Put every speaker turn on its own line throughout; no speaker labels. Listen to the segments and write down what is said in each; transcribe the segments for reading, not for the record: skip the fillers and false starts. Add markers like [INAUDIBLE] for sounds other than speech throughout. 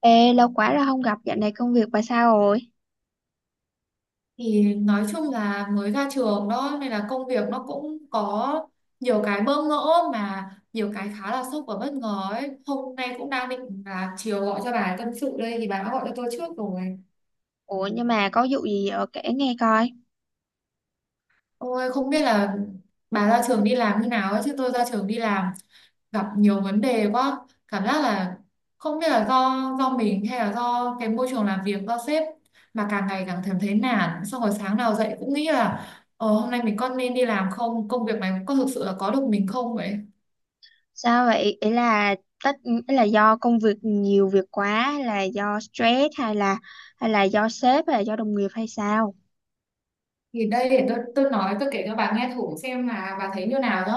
Ê, lâu quá rồi không gặp, dạo này công việc bà sao rồi?
Thì nói chung là mới ra trường đó, nên là công việc nó cũng có nhiều cái bỡ ngỡ, mà nhiều cái khá là sốc và bất ngờ ấy. Hôm nay cũng đang định là chiều gọi cho bà tâm sự đây, thì bà đã gọi cho tôi trước rồi.
Ủa, nhưng mà có vụ gì ở kể nghe coi.
Ôi, không biết là bà ra trường đi làm như nào ấy, chứ tôi ra trường đi làm gặp nhiều vấn đề quá. Cảm giác là không biết là do mình, hay là do cái môi trường làm việc, do sếp, mà càng ngày càng cảm thấy nản. Xong rồi sáng nào dậy cũng nghĩ là hôm nay mình có nên đi làm không, công việc này có thực sự là có được mình không vậy.
Sao vậy? Ý là tất ý là do công việc nhiều việc quá, hay là do stress, hay là do sếp hay là do đồng nghiệp hay sao?
Thì đây, để tôi nói, tôi kể cho bà nghe thử xem là bà thấy như nào nhá.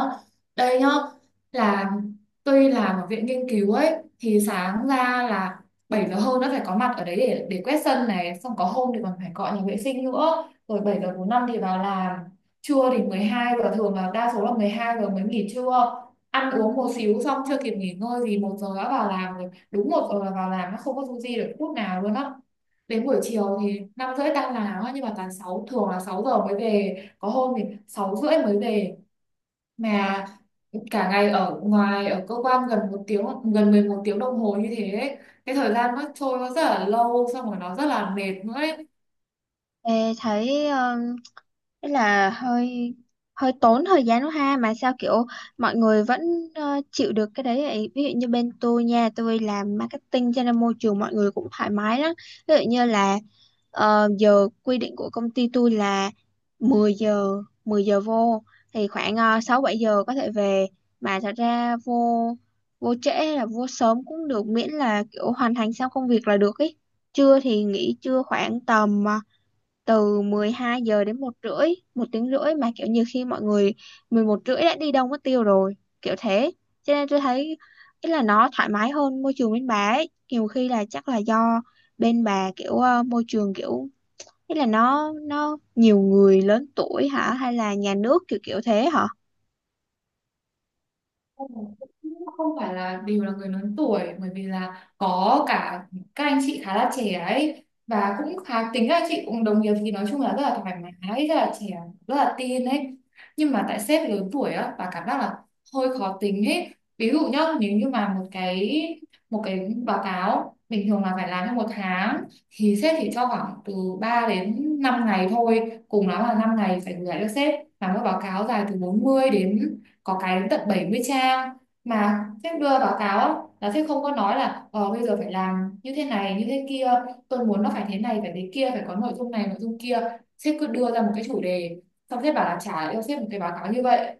Đây nhá, là tôi làm ở viện nghiên cứu ấy. Thì sáng ra là 7 giờ hơn đã phải có mặt ở đấy để quét sân này, xong có hôm thì còn phải cọ nhà vệ sinh nữa, rồi 7:45 thì vào làm. Trưa thì 12 giờ, thường là đa số là 12 giờ mới nghỉ trưa, ăn uống một xíu, xong chưa kịp nghỉ ngơi gì 1 giờ đã vào làm rồi, đúng 1 giờ là vào làm, nó không có du di được phút nào luôn á. Đến buổi chiều thì 5 rưỡi tan làm á, nhưng mà toàn sáu, thường là 6 giờ mới về, có hôm thì 6 rưỡi mới về. Mà cả ngày ở ngoài ở cơ quan gần 1 tiếng, gần 11 tiếng đồng hồ như thế ấy. Cái thời gian nó trôi nó rất là lâu, xong rồi nó rất là mệt nữa ấy.
Ê, thấy Thế là hơi hơi tốn thời gian đó ha, mà sao kiểu mọi người vẫn chịu được cái đấy vậy? Ví dụ như bên tôi nha, tôi làm marketing cho nên môi trường mọi người cũng thoải mái lắm. Ví dụ như là giờ quy định của công ty tôi là 10 giờ, 10 giờ vô, thì khoảng 6 7 giờ có thể về, mà thật ra vô vô trễ hay là vô sớm cũng được, miễn là kiểu hoàn thành xong công việc là được ý. Trưa thì nghỉ trưa khoảng tầm từ 12 giờ đến một rưỡi, một tiếng rưỡi, mà kiểu như khi mọi người 11 rưỡi đã đi đâu mất tiêu rồi, kiểu thế. Cho nên tôi thấy ý là nó thoải mái hơn môi trường bên bà ấy. Nhiều khi là chắc là do bên bà kiểu môi trường kiểu ý là nó nhiều người lớn tuổi hả, hay là nhà nước kiểu kiểu thế hả?
Ừ, không phải là đều là người lớn tuổi, bởi vì là có cả các anh chị khá là trẻ ấy, và cũng khá tính. Các anh chị cũng đồng nghiệp thì nói chung là rất là thoải mái, rất là trẻ, rất là teen ấy. Nhưng mà tại sếp lớn tuổi á, và cảm giác là hơi khó tính ấy. Ví dụ nhá, nếu như mà một cái báo cáo bình thường là phải làm trong 1 tháng, thì sếp chỉ cho khoảng từ 3 đến 5 ngày thôi, cùng lắm là 5 ngày phải gửi lại cho sếp, làm một báo cáo dài từ 40 đến, có cái đến tận 70 trang. Mà sếp đưa báo cáo á, là sếp không có nói là ờ bây giờ phải làm như thế này như thế kia, tôi muốn nó phải thế này phải thế kia, phải có nội dung này nội dung kia. Sếp cứ đưa ra một cái chủ đề, xong sếp bảo là trả lại cho sếp một cái báo cáo như vậy,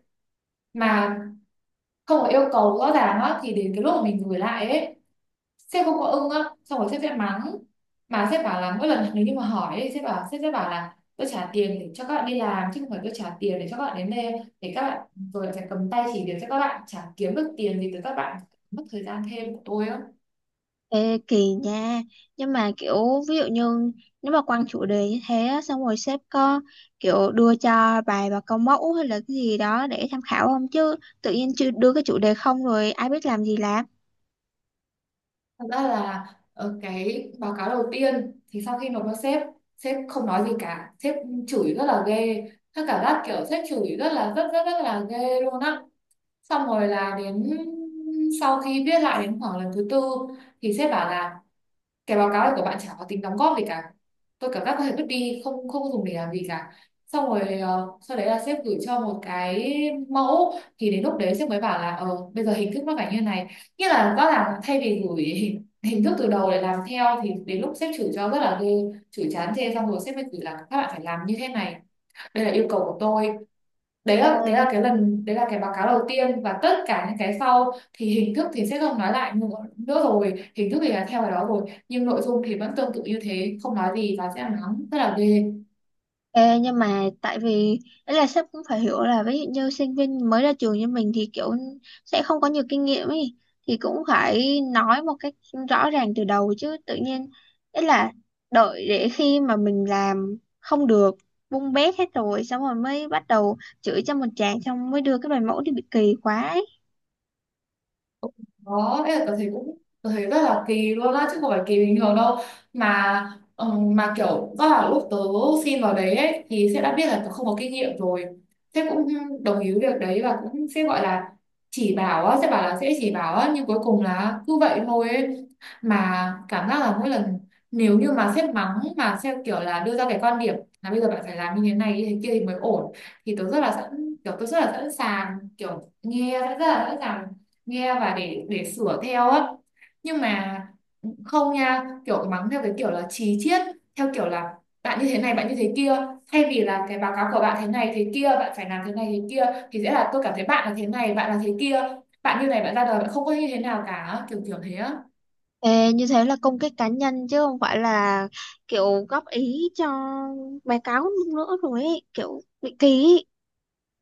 mà không có yêu cầu rõ ràng á. Thì đến cái lúc mà mình gửi lại ấy, sếp không có ưng á, xong rồi sếp sẽ mắng. Mà sếp bảo là mỗi lần nếu như mà hỏi ấy, sếp bảo, sếp sẽ bảo là tôi trả tiền để cho các bạn đi làm, chứ không phải tôi trả tiền để cho các bạn đến đây để các bạn, rồi phải cầm tay chỉ việc cho các bạn, chả kiếm được tiền gì từ các bạn, mất thời gian thêm của tôi á.
Ê, kỳ nha, nhưng mà kiểu ví dụ như nếu mà quăng chủ đề như thế á, xong rồi sếp có kiểu đưa cho bài và câu mẫu hay là cái gì đó để tham khảo không, chứ tự nhiên chưa đưa cái chủ đề không rồi ai biết làm gì làm.
Thật ra là cái báo cáo đầu tiên thì sau khi nộp cho sếp, sếp không nói gì cả, sếp chửi rất là ghê, tất cả các cảm giác kiểu sếp chửi rất là rất rất rất là ghê luôn á. Xong rồi là đến sau khi viết lại đến khoảng lần thứ 4, thì sếp bảo là cái báo cáo này của bạn chả có tính đóng góp gì cả, tôi cảm giác có thể vứt đi, không không dùng để làm gì cả. Xong rồi sau đấy là sếp gửi cho một cái mẫu, thì đến lúc đấy sếp mới bảo là ờ bây giờ hình thức nó phải như này, nghĩa là rõ ràng thay vì gửi [LAUGHS] hình thức từ đầu để làm theo, thì đến lúc sếp chửi cho rất là ghê, chửi chán chê xong rồi sếp mới gửi là các bạn phải làm như thế này, đây là yêu cầu của tôi. Đấy là, đấy
Ê,
là cái lần đấy là cái báo cáo đầu tiên, và tất cả những cái sau thì hình thức thì sẽ không nói lại nữa, rồi hình thức thì là theo cái đó rồi, nhưng nội dung thì vẫn tương tự như thế, không nói gì, và sẽ là nóng rất là ghê.
Ê, Nhưng mà tại vì ấy là sếp cũng phải hiểu là ví dụ như sinh viên mới ra trường như mình thì kiểu sẽ không có nhiều kinh nghiệm ấy, thì cũng phải nói một cách rõ ràng từ đầu chứ, tự nhiên ấy là đợi để khi mà mình làm không được, bung bét hết rồi xong rồi mới bắt đầu chửi cho một tràng, xong mới đưa cái bài mẫu đi, bị kỳ quá ấy.
Đó, ấy là tớ thấy cũng, tớ thấy rất là kỳ luôn á, chứ không phải kỳ bình thường đâu. Mà mà kiểu do là lúc tớ xin vào đấy ấy, thì sếp đã biết là tớ không có kinh nghiệm rồi, sếp cũng đồng ý với việc đấy, và cũng sếp gọi là chỉ bảo á, sếp bảo là sẽ chỉ bảo á, nhưng cuối cùng là cứ vậy thôi ấy. Mà cảm giác là mỗi lần nếu như mà sếp mắng, mà sếp kiểu là đưa ra cái quan điểm là bây giờ bạn phải làm như thế này như thế kia thì mới ổn, thì tớ rất là sẵn, kiểu tớ rất là sẵn sàng, kiểu nghe, rất là sẵn sàng nghe và để sửa theo á. Nhưng mà không nha, kiểu mắng theo cái kiểu là chí chiết, theo kiểu là bạn như thế này bạn như thế kia, thay vì là cái báo cáo của bạn thế này thế kia, bạn phải làm thế này thế kia, thì sẽ là tôi cảm thấy bạn là thế này bạn là thế kia, bạn như này, bạn ra đời bạn không có như thế nào cả, kiểu kiểu thế á.
Ê, như thế là công kích cá nhân chứ không phải là kiểu góp ý cho báo cáo nữa rồi ấy, kiểu bị kỳ ấy.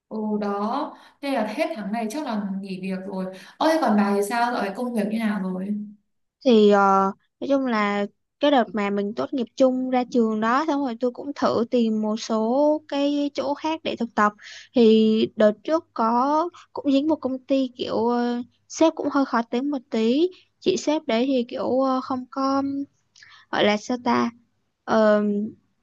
Ồ đó, nên là hết tháng này chắc là nghỉ việc rồi. Ơ thế còn bà thì sao rồi, công việc như nào rồi?
Thì nói chung là cái đợt mà mình tốt nghiệp chung ra trường đó, xong rồi tôi cũng thử tìm một số cái chỗ khác để thực tập, thì đợt trước có cũng dính một công ty kiểu sếp cũng hơi khó tính một tí. Chị sếp đấy thì kiểu không có gọi là sao ta. Ờ,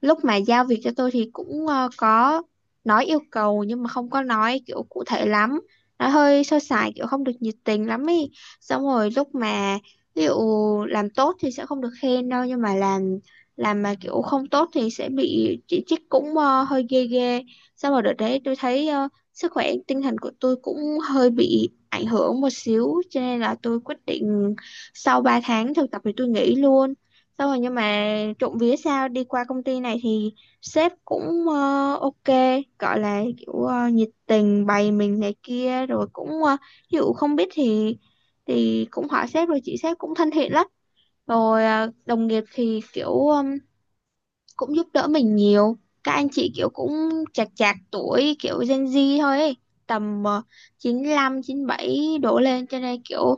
lúc mà giao việc cho tôi thì cũng có nói yêu cầu nhưng mà không có nói kiểu cụ thể lắm, nói hơi sơ sài kiểu không được nhiệt tình lắm ý. Xong rồi lúc mà ví dụ làm tốt thì sẽ không được khen đâu, nhưng mà làm mà kiểu không tốt thì sẽ bị chỉ trích cũng hơi ghê ghê. Xong rồi đợt đấy tôi thấy sức khỏe tinh thần của tôi cũng hơi bị ảnh hưởng một xíu, cho nên là tôi quyết định sau 3 tháng thực tập thì tôi nghỉ luôn. Xong rồi nhưng mà trộm vía sao đi qua công ty này thì sếp cũng ok, gọi là kiểu nhiệt tình bày mình này kia, rồi cũng ví dụ không biết thì cũng hỏi sếp, rồi chị sếp cũng thân thiện lắm. Rồi đồng nghiệp thì kiểu cũng giúp đỡ mình nhiều. Các anh chị kiểu cũng chạc chạc tuổi kiểu Gen Z thôi ấy, tầm chín lăm, chín bảy đổ lên, cho nên kiểu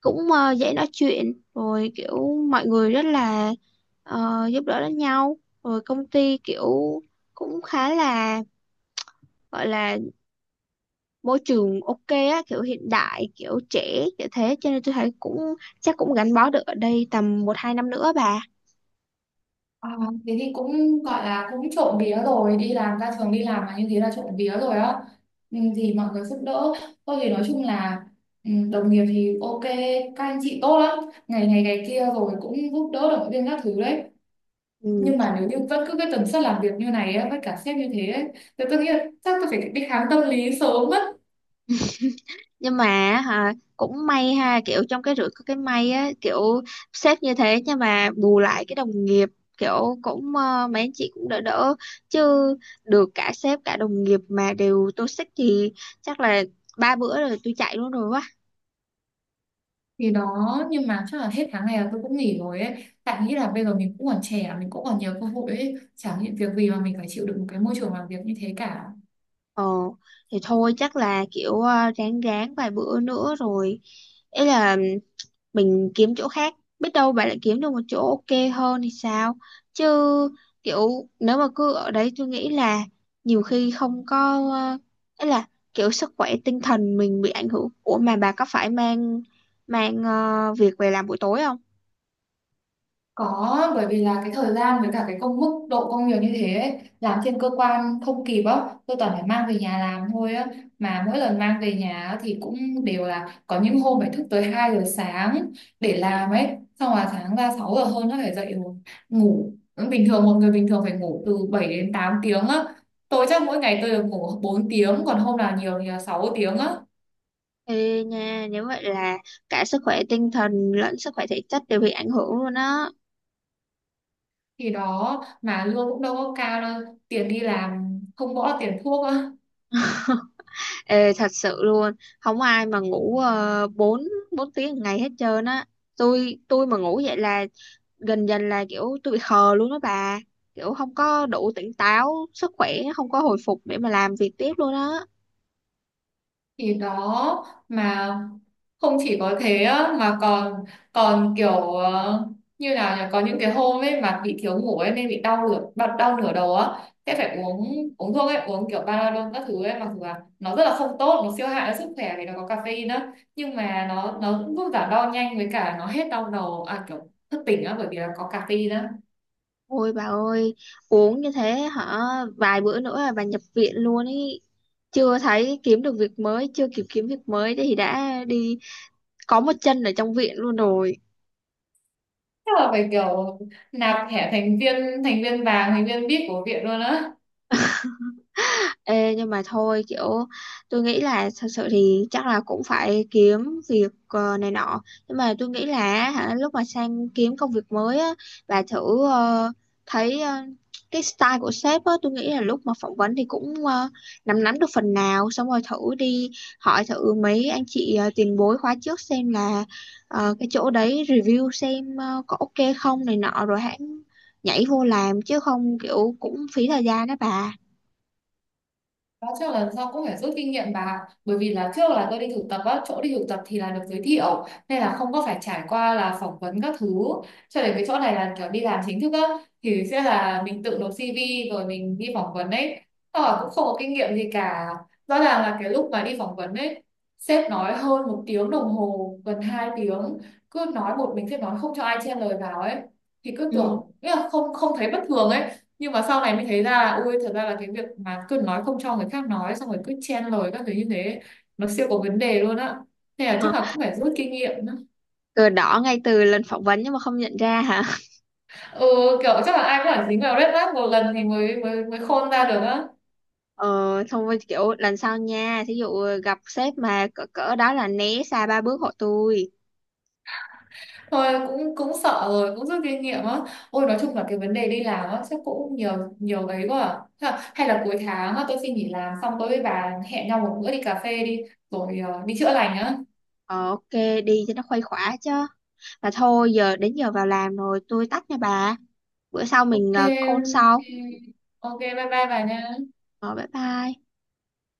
cũng dễ nói chuyện, rồi kiểu mọi người rất là giúp đỡ lẫn nhau. Rồi công ty kiểu cũng khá là gọi là môi trường ok á, kiểu hiện đại kiểu trẻ kiểu thế, cho nên tôi thấy cũng chắc cũng gắn bó được ở đây tầm một hai năm nữa bà.
À, thế thì cũng gọi là cũng trộm vía rồi, đi làm, ra trường đi làm mà như thế là trộm vía rồi á. Ừ, thì mọi người giúp đỡ. Tôi thì nói chung là ừ, đồng nghiệp thì ok, các anh chị tốt lắm, ngày này ngày kia rồi cũng giúp đỡ, động viên các thứ đấy.
Ừ.
Nhưng mà nếu như vẫn cứ cái tần suất làm việc như này á, với cả sếp như thế ấy, thì tôi nghĩ là chắc tôi phải đi khám tâm lý sớm mất.
Nhưng mà hả, cũng may ha, kiểu trong cái rủi có cái may á, kiểu sếp như thế nhưng mà bù lại cái đồng nghiệp kiểu cũng mấy anh chị cũng đỡ đỡ, chứ được cả sếp cả đồng nghiệp mà đều toxic thì chắc là ba bữa rồi tôi chạy luôn rồi quá.
Thì đó, nhưng mà chắc là hết tháng này là tôi cũng nghỉ rồi ấy, tại nghĩ là bây giờ mình cũng còn trẻ, mình cũng còn nhiều cơ hội ấy, chẳng những việc gì mà mình phải chịu đựng một cái môi trường làm việc như thế cả.
Ờ thì thôi chắc là kiểu ráng ráng vài bữa nữa rồi ý là mình kiếm chỗ khác, biết đâu bạn lại kiếm được một chỗ ok hơn thì sao, chứ kiểu nếu mà cứ ở đấy tôi nghĩ là nhiều khi không có ờ, ấy là kiểu sức khỏe tinh thần mình bị ảnh hưởng. Ủa mà bà có phải mang mang việc về làm buổi tối không?
Có, bởi vì là cái thời gian với cả cái công, mức độ công việc như thế ấy, làm trên cơ quan không kịp á, tôi toàn phải mang về nhà làm thôi á. Mà mỗi lần mang về nhà á thì cũng đều là có những hôm phải thức tới 2 giờ sáng để làm ấy. Xong là sáng ra 6 giờ hơn nó phải dậy rồi, ngủ. Bình thường một người bình thường phải ngủ từ 7 đến 8 tiếng á. Tôi chắc mỗi ngày tôi được ngủ 4 tiếng, còn hôm nào nhiều thì là 6 tiếng á.
Ê nha, nếu vậy là cả sức khỏe tinh thần lẫn sức khỏe thể chất đều bị ảnh hưởng luôn á.
Thì đó, mà lương cũng đâu có cao đâu, tiền đi làm không bỏ tiền thuốc á.
Ê, thật sự luôn, không ai mà ngủ uh, 4 4 tiếng một ngày hết trơn á. Tôi mà ngủ vậy là gần dần là kiểu tôi bị khờ luôn đó bà, kiểu không có đủ tỉnh táo, sức khỏe không có hồi phục để mà làm việc tiếp luôn á.
Thì đó, mà không chỉ có thế á, mà còn, còn kiểu ờ, như nào nhỉ, có những cái hôm ấy mà bị thiếu ngủ ấy, nên bị đau nửa đau nửa đầu á, sẽ phải uống uống thuốc ấy, uống kiểu Panadol các thứ ấy, mặc dù là nó rất là không tốt, nó siêu hại cho sức khỏe vì nó có caffeine á, nhưng mà nó cũng giúp giảm đau nhanh, với cả nó hết đau đầu à, kiểu thức tỉnh á, bởi vì là có caffeine á.
Ôi bà ơi, uống như thế hả, vài bữa nữa là bà nhập viện luôn ý, chưa thấy kiếm được việc mới, chưa kịp kiếm việc mới thì đã đi có một chân ở trong viện luôn rồi.
Chắc là phải kiểu nạp thẻ thành viên, thành viên vàng, thành viên VIP của viện luôn á.
Ê, nhưng mà thôi kiểu tôi nghĩ là thật sự thì chắc là cũng phải kiếm việc này nọ, nhưng mà tôi nghĩ là hả, lúc mà sang kiếm công việc mới á, bà thử thấy ờ, cái style của sếp á, tôi nghĩ là lúc mà phỏng vấn thì cũng nắm nắm được phần nào, xong rồi thử đi hỏi thử mấy anh chị tiền bối khóa trước xem là cái chỗ đấy review xem có ok không này nọ rồi hãng nhảy vô làm, chứ không kiểu cũng phí thời gian đó bà.
Đó, trước lần sau cũng phải rút kinh nghiệm bà ạ. Bởi vì là trước là tôi đi thực tập á, chỗ đi thực tập thì là được giới thiệu nên là không có phải trải qua là phỏng vấn các thứ, cho đến cái chỗ này là kiểu đi làm chính thức á, thì sẽ là mình tự nộp CV rồi mình đi phỏng vấn ấy, và cũng không có kinh nghiệm gì cả. Rõ ràng là cái lúc mà đi phỏng vấn ấy, sếp nói hơn 1 tiếng đồng hồ, gần 2 tiếng, cứ nói một mình, sếp nói không cho ai chen lời vào ấy, thì cứ
Ừ,
tưởng nghĩa là không, không thấy bất thường ấy. Nhưng mà sau này mới thấy ra là ui thật ra là cái việc mà cứ nói không cho người khác nói, xong rồi cứ chen lời các thứ như thế, nó siêu có vấn đề luôn á. Thế là chắc là cũng phải rút kinh nghiệm nữa.
cờ đỏ ngay từ lần phỏng vấn nhưng mà không nhận ra hả.
Ừ, kiểu chắc là ai cũng phải dính vào red flag một lần thì mới mới mới khôn ra được á.
Ờ, xong rồi kiểu lần sau nha, thí dụ gặp sếp mà cỡ cỡ đó là né xa ba bước hộ tôi.
Thôi cũng cũng sợ rồi, cũng rút kinh nghiệm á. Ôi nói chung là cái vấn đề đi làm á chắc cũng nhiều nhiều ấy quá à. Thế là, hay là cuối tháng á, tôi xin nghỉ làm xong tôi với bà hẹn nhau một bữa đi cà phê đi, rồi đi chữa lành á.
Ờ ok, đi cho nó khuây khỏa chứ. Mà thôi giờ đến giờ vào làm rồi, tôi tắt nha bà, bữa sau mình
Ok,
call sau.
ok, ok, bye bye bà nha.
Ờ bye bye.